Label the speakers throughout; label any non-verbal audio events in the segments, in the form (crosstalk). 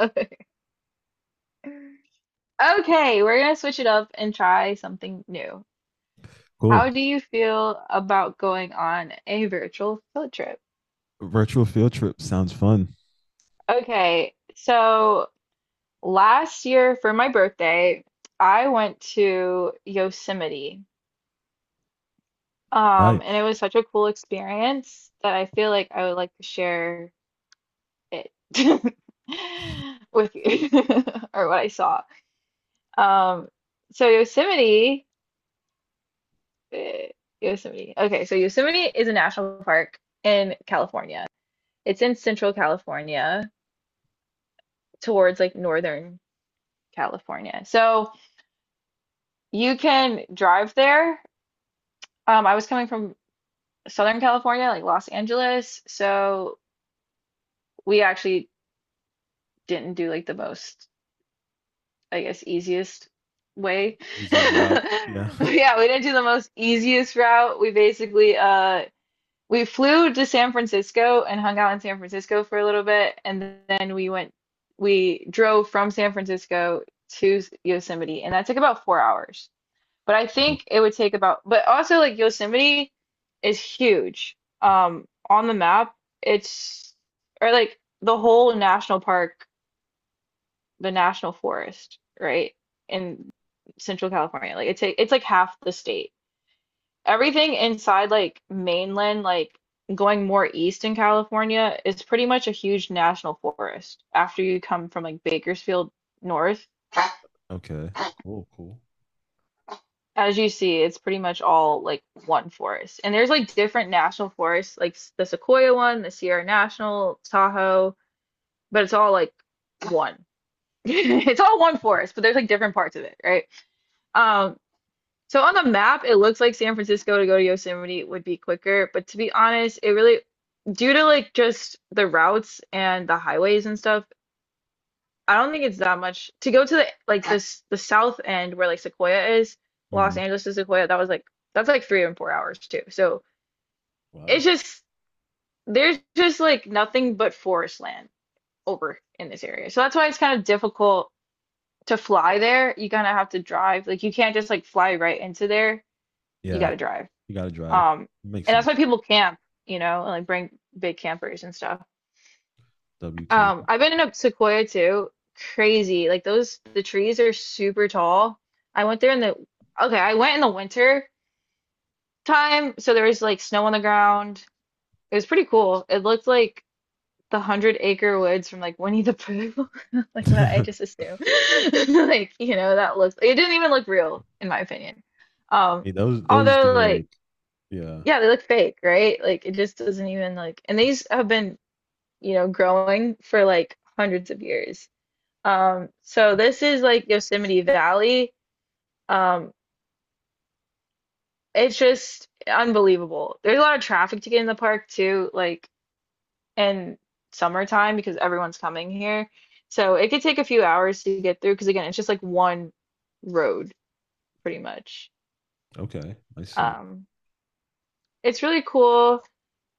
Speaker 1: Okay, Okay, we're gonna switch it up and try something new. How
Speaker 2: Cool.
Speaker 1: do you feel about going on a virtual field trip?
Speaker 2: Virtual field trip sounds fun.
Speaker 1: Okay, so last year for my birthday, I went to Yosemite. And it
Speaker 2: Nice.
Speaker 1: was such a cool experience that I feel like I would like to share it (laughs) with you (laughs) or what I saw. Um, so Yosemite Eh, Yosemite. Okay, so Yosemite is a national park in California. It's in central California towards like northern California. So you can drive there. I was coming from Southern California, like Los Angeles, so we actually didn't do like the most, I guess, easiest way.
Speaker 2: Easiest
Speaker 1: (laughs)
Speaker 2: route. Yeah. (laughs)
Speaker 1: Yeah, we didn't do the most easiest route. We basically we flew to San Francisco and hung out in San Francisco for a little bit, and we drove from San Francisco to Yosemite, and that took about 4 hours. But I
Speaker 2: Wow.
Speaker 1: think it would take about, but also like Yosemite is huge. On the map, it's or like the whole national park, the national forest, right? In Central California. Like it's like half the state. Everything inside like mainland, like going more east in California, is pretty much a huge national forest. After you come from like Bakersfield north,
Speaker 2: Okay. Cool. Cool.
Speaker 1: as you see, it's pretty much all like one forest. And there's like different national forests, like the Sequoia one, the Sierra National, Tahoe, but it's all like one. (laughs) It's all one forest, but there's like different parts of it, right? Um, So on the map, it looks like San Francisco to go to Yosemite would be quicker, but to be honest, it really, due to like just the routes and the highways and stuff, I don't think it's that much to go to the like this the south end where like Sequoia is, Los
Speaker 2: Hmm.
Speaker 1: Angeles to Sequoia, that's like 3 and 4 hours too. So
Speaker 2: Wow.
Speaker 1: it's just there's just like nothing but forest land over in this area. So that's why it's kind of difficult to fly there. You kind of have to drive. Like you can't just like fly right into there. You
Speaker 2: Yeah.
Speaker 1: got to drive.
Speaker 2: You got to drive.
Speaker 1: Um,
Speaker 2: Makes
Speaker 1: and that's why
Speaker 2: sense.
Speaker 1: people camp, you know, and like bring big campers and stuff.
Speaker 2: W camp.
Speaker 1: I've been in a Sequoia too. Crazy. Like those, the trees are super tall. I went there in the, okay, I went in the winter time, so there was like snow on the ground. It was pretty cool. It looked like the Hundred Acre Woods from like Winnie the Pooh. (laughs) Like
Speaker 2: (laughs)
Speaker 1: what I
Speaker 2: I
Speaker 1: just assumed. (laughs) Like, you know, that looks, it didn't even look real in my opinion. Um,
Speaker 2: mean, those do
Speaker 1: although like
Speaker 2: like. Yeah.
Speaker 1: Yeah, they look fake, right? Like it just doesn't even like and these have been, you know, growing for like hundreds of years. So
Speaker 2: Wow.
Speaker 1: this is like Yosemite Valley. Um, it's just unbelievable. There's a lot of traffic to get in the park too, like in summertime because everyone's coming here. So it could take a few hours to get through because again, it's just like one road pretty much.
Speaker 2: Okay. I see.
Speaker 1: Um, it's really cool.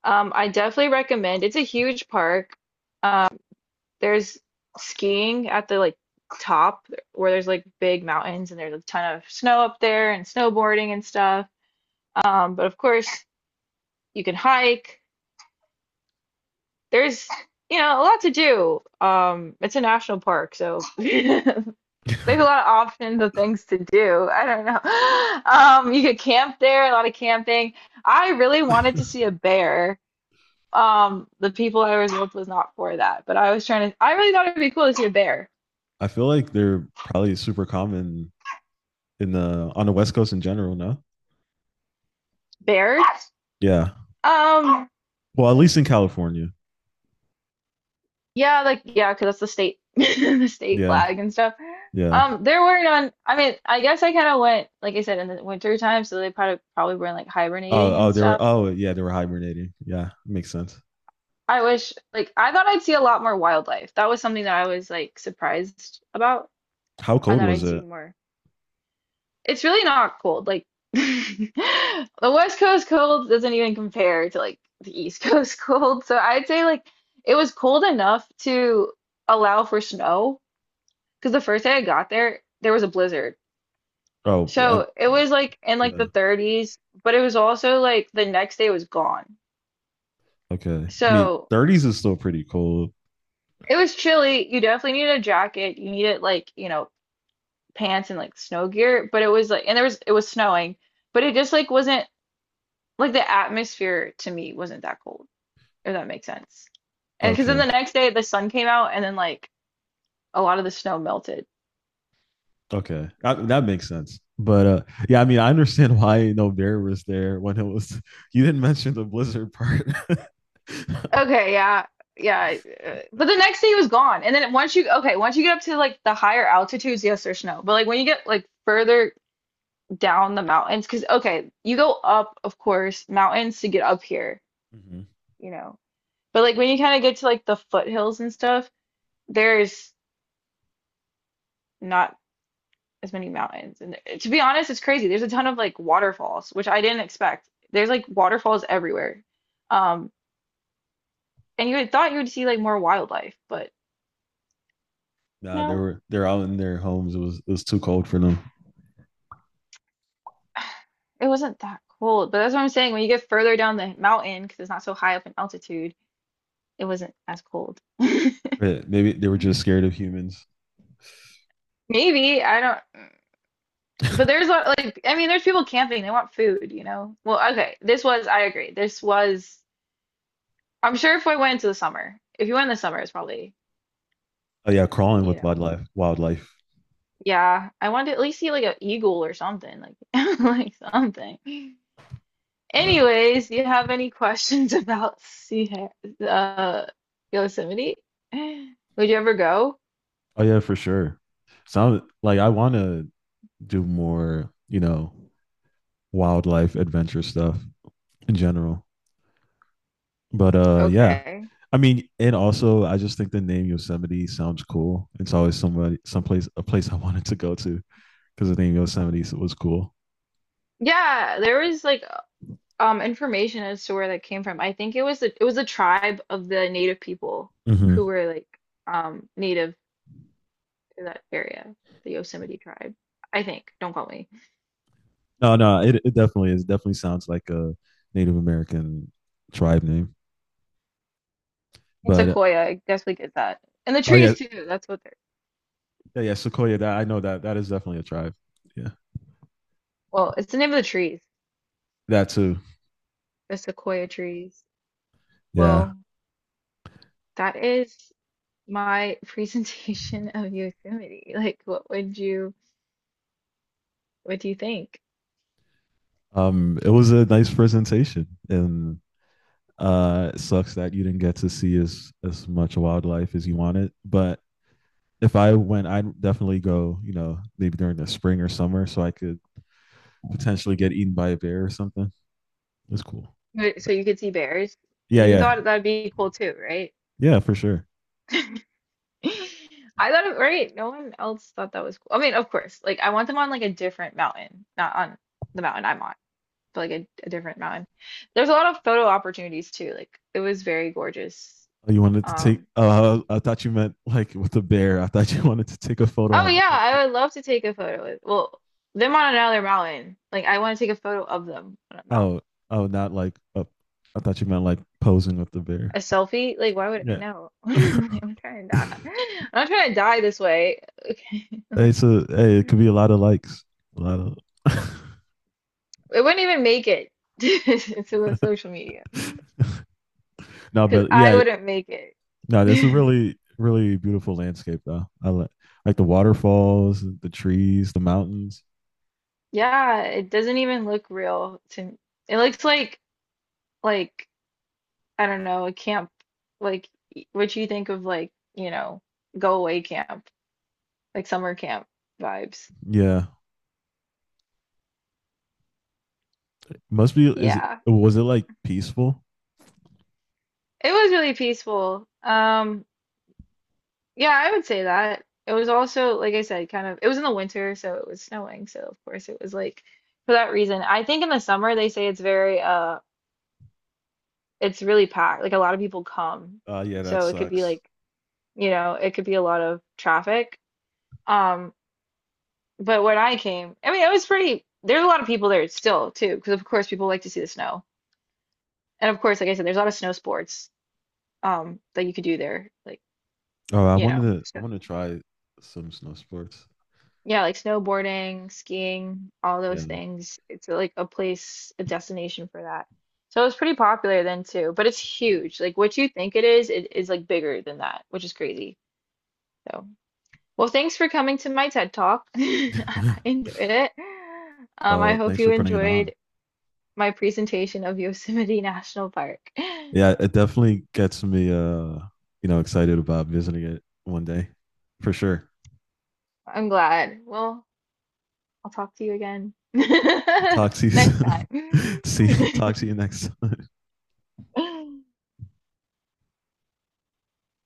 Speaker 1: I definitely recommend. It's a huge park. Um, There's skiing at the like top where there's like big mountains and there's a ton of snow up there and snowboarding and stuff. But of course you can hike. There's, you know, a lot to do. It's a national park, so (laughs) there's a lot of options of things to do. I don't know. (laughs) You could camp there, a lot of camping. I really
Speaker 2: (laughs) I
Speaker 1: wanted to see a bear. The people I was with was not for that, but I was trying to, I really thought it'd be cool to see a bear.
Speaker 2: feel like they're probably super common in the on the West Coast in general. No.
Speaker 1: Bears?
Speaker 2: Yeah.
Speaker 1: Um,
Speaker 2: Well, at least in California.
Speaker 1: Yeah, like yeah, 'cause that's the state (laughs) the state
Speaker 2: Yeah.
Speaker 1: flag and stuff.
Speaker 2: Yeah.
Speaker 1: They're wearing on. I mean, I guess I kind of went like I said in the winter time, so they probably were like hibernating
Speaker 2: Oh. Oh.
Speaker 1: and
Speaker 2: They were.
Speaker 1: stuff.
Speaker 2: Oh. Yeah. They were hibernating. Yeah. Makes sense.
Speaker 1: I wish like I thought I'd see a lot more wildlife. That was something that I was like surprised about.
Speaker 2: How
Speaker 1: I
Speaker 2: cold
Speaker 1: thought
Speaker 2: was
Speaker 1: I'd see
Speaker 2: it?
Speaker 1: more. It's really not cold. Like (laughs) the West Coast cold doesn't even compare to like the East Coast (laughs) cold. So I'd say like it was cold enough to allow for snow because the first day I got there, there was a blizzard.
Speaker 2: Oh, I
Speaker 1: So it was like in like the
Speaker 2: yeah.
Speaker 1: 30s, but it was also like the next day was gone.
Speaker 2: Okay. I mean,
Speaker 1: So
Speaker 2: 30s is still pretty cold.
Speaker 1: it was chilly. You definitely needed a jacket. You needed like, you know, pants and like snow gear, but it was like, and there was, it was snowing, but it just like wasn't like the atmosphere to me wasn't that cold, if that makes sense. And because then
Speaker 2: Okay.
Speaker 1: the next day the sun came out and then like a lot of the snow melted.
Speaker 2: Okay. That makes sense. But yeah, I mean, I understand, (laughs) why you no know, bear was there when it was. (laughs) You didn't mention the blizzard part. (laughs)
Speaker 1: Okay, yeah. But the next day he was gone. And then once you okay, once you get up to like the higher altitudes, yes, there's snow. But like when you get like further down the mountains, because okay, you go up, of course, mountains to get up here,
Speaker 2: Hmm.
Speaker 1: you know. But like when you kind of get to like the foothills and stuff, there's not as many mountains. And to be honest, it's crazy. There's a ton of like waterfalls, which I didn't expect. There's like waterfalls everywhere. Um, and you had thought you would see like more wildlife, but
Speaker 2: Nah, they
Speaker 1: no.
Speaker 2: were they're out in their homes. It was too cold for them.
Speaker 1: It wasn't that cold, but that's what I'm saying. When you get further down the mountain, because it's not so high up in altitude, it wasn't as cold. (laughs)
Speaker 2: Yeah, maybe they were just scared of humans.
Speaker 1: Maybe, I don't, but there's a, like, I mean, there's people camping, they want food, you know? Well, okay, this was, I agree. This was, I'm sure if I went into the summer, if you went in the summer, it's probably,
Speaker 2: Oh yeah, crawling
Speaker 1: you
Speaker 2: with
Speaker 1: know,
Speaker 2: wildlife. Wildlife.
Speaker 1: yeah, I wanted to at least see like an eagle or something, like, (laughs) like something.
Speaker 2: Yeah.
Speaker 1: Anyways, do you have any questions (laughs) about uh, Yosemite? Would you ever go?
Speaker 2: Oh yeah, for sure. Sound like I want to do more, wildlife adventure stuff in general. But yeah.
Speaker 1: Okay.
Speaker 2: I mean, and also I just think the name Yosemite sounds cool. It's always somebody, someplace, a place I wanted to go to because the name Yosemite was cool.
Speaker 1: Yeah, there was like information as to where that came from. I think it was a tribe of the native people
Speaker 2: Hmm.
Speaker 1: who were like native to that area, the Yosemite tribe. I think. Don't quote me.
Speaker 2: No, no, it definitely is. Definitely sounds like a Native American tribe name.
Speaker 1: And
Speaker 2: But
Speaker 1: sequoia, I guess we get that. And the
Speaker 2: oh yeah,
Speaker 1: trees too. That's what they're.
Speaker 2: yeah, yeah, Sequoia. That I know that that is definitely a tribe. Yeah,
Speaker 1: Well, it's the name of the trees,
Speaker 2: that too.
Speaker 1: the sequoia trees.
Speaker 2: Yeah.
Speaker 1: Well, that is my (laughs) presentation of Yosemite. Like, what do you think?
Speaker 2: It was a nice presentation, and it sucks that you didn't get to see as much wildlife as you wanted. But if I went, I'd definitely go. You know, maybe during the spring or summer, so I could potentially get eaten by a bear or something. It's cool.
Speaker 1: Wait, so you could see bears.
Speaker 2: Yeah,
Speaker 1: You
Speaker 2: yeah,
Speaker 1: thought that'd be cool too, right?
Speaker 2: yeah, for sure.
Speaker 1: (laughs) I thought it, right? No one else thought that was cool. I mean, of course, like I want them on like a different mountain, not on the mountain I'm on, but like a different mountain. There's a lot of photo opportunities too. Like it was very gorgeous.
Speaker 2: Oh, you wanted to take.
Speaker 1: Um,
Speaker 2: I thought you meant like with the bear. I thought you (laughs) wanted to take a photo
Speaker 1: oh
Speaker 2: of
Speaker 1: yeah,
Speaker 2: it.
Speaker 1: I would love to take a photo with, well, them on another mountain. Like I want to take a photo of them on a mountain.
Speaker 2: Oh, oh, not like up. I thought you meant like posing with the bear.
Speaker 1: A selfie? Like why would
Speaker 2: Yeah.
Speaker 1: no? (laughs) Like, I'm trying to die.
Speaker 2: (laughs)
Speaker 1: I'm not trying to die this way. (laughs) Okay. (laughs)
Speaker 2: hey,
Speaker 1: Like,
Speaker 2: so hey, it could be a lot of likes. A lot of.
Speaker 1: it wouldn't even make it (laughs) to the social media because
Speaker 2: (laughs) No, but
Speaker 1: I
Speaker 2: yeah,
Speaker 1: wouldn't make it.
Speaker 2: no, this is
Speaker 1: (laughs)
Speaker 2: really really beautiful landscape though. I like the waterfalls, the trees, the mountains.
Speaker 1: Yeah, it doesn't even look real to it looks like like I don't know, a camp like what you think of like, you know, go away camp, like summer camp vibes.
Speaker 2: Yeah. Must be is it,
Speaker 1: Yeah.
Speaker 2: was it like peaceful?
Speaker 1: It was really peaceful. Yeah, I would say that. It was also like I said, kind of it was in the winter, so it was snowing, so of course it was like for that reason. I think in the summer they say it's very it's really packed. Like a lot of people come.
Speaker 2: Yeah, that
Speaker 1: So it could be
Speaker 2: sucks.
Speaker 1: like, you know, it could be a lot of traffic. Um, but when I came, I mean, it was pretty, there's a lot of people there still too, because of course people like to see the snow. And of course, like I said, there's a lot of snow sports that you could do there. Like,
Speaker 2: Oh,
Speaker 1: you know,
Speaker 2: I
Speaker 1: so,
Speaker 2: want to try some snow sports.
Speaker 1: yeah, like snowboarding, skiing, all
Speaker 2: Yeah.
Speaker 1: those things. It's like a place, a destination for that. So it was pretty popular then too, but it's huge. Like what you think it is like bigger than that, which is crazy. So. Well, thanks for coming to my TED Talk. (laughs) I
Speaker 2: (laughs)
Speaker 1: enjoyed it. I
Speaker 2: Well,
Speaker 1: hope
Speaker 2: thanks
Speaker 1: you
Speaker 2: for putting it on.
Speaker 1: enjoyed my presentation of Yosemite (laughs) National Park.
Speaker 2: Yeah, it definitely gets me, excited about visiting it one day, for sure.
Speaker 1: I'm glad. Well, I'll talk to you again
Speaker 2: Talk to you
Speaker 1: (laughs) next time.
Speaker 2: soon. (laughs) See, talk to you next time.
Speaker 1: (laughs)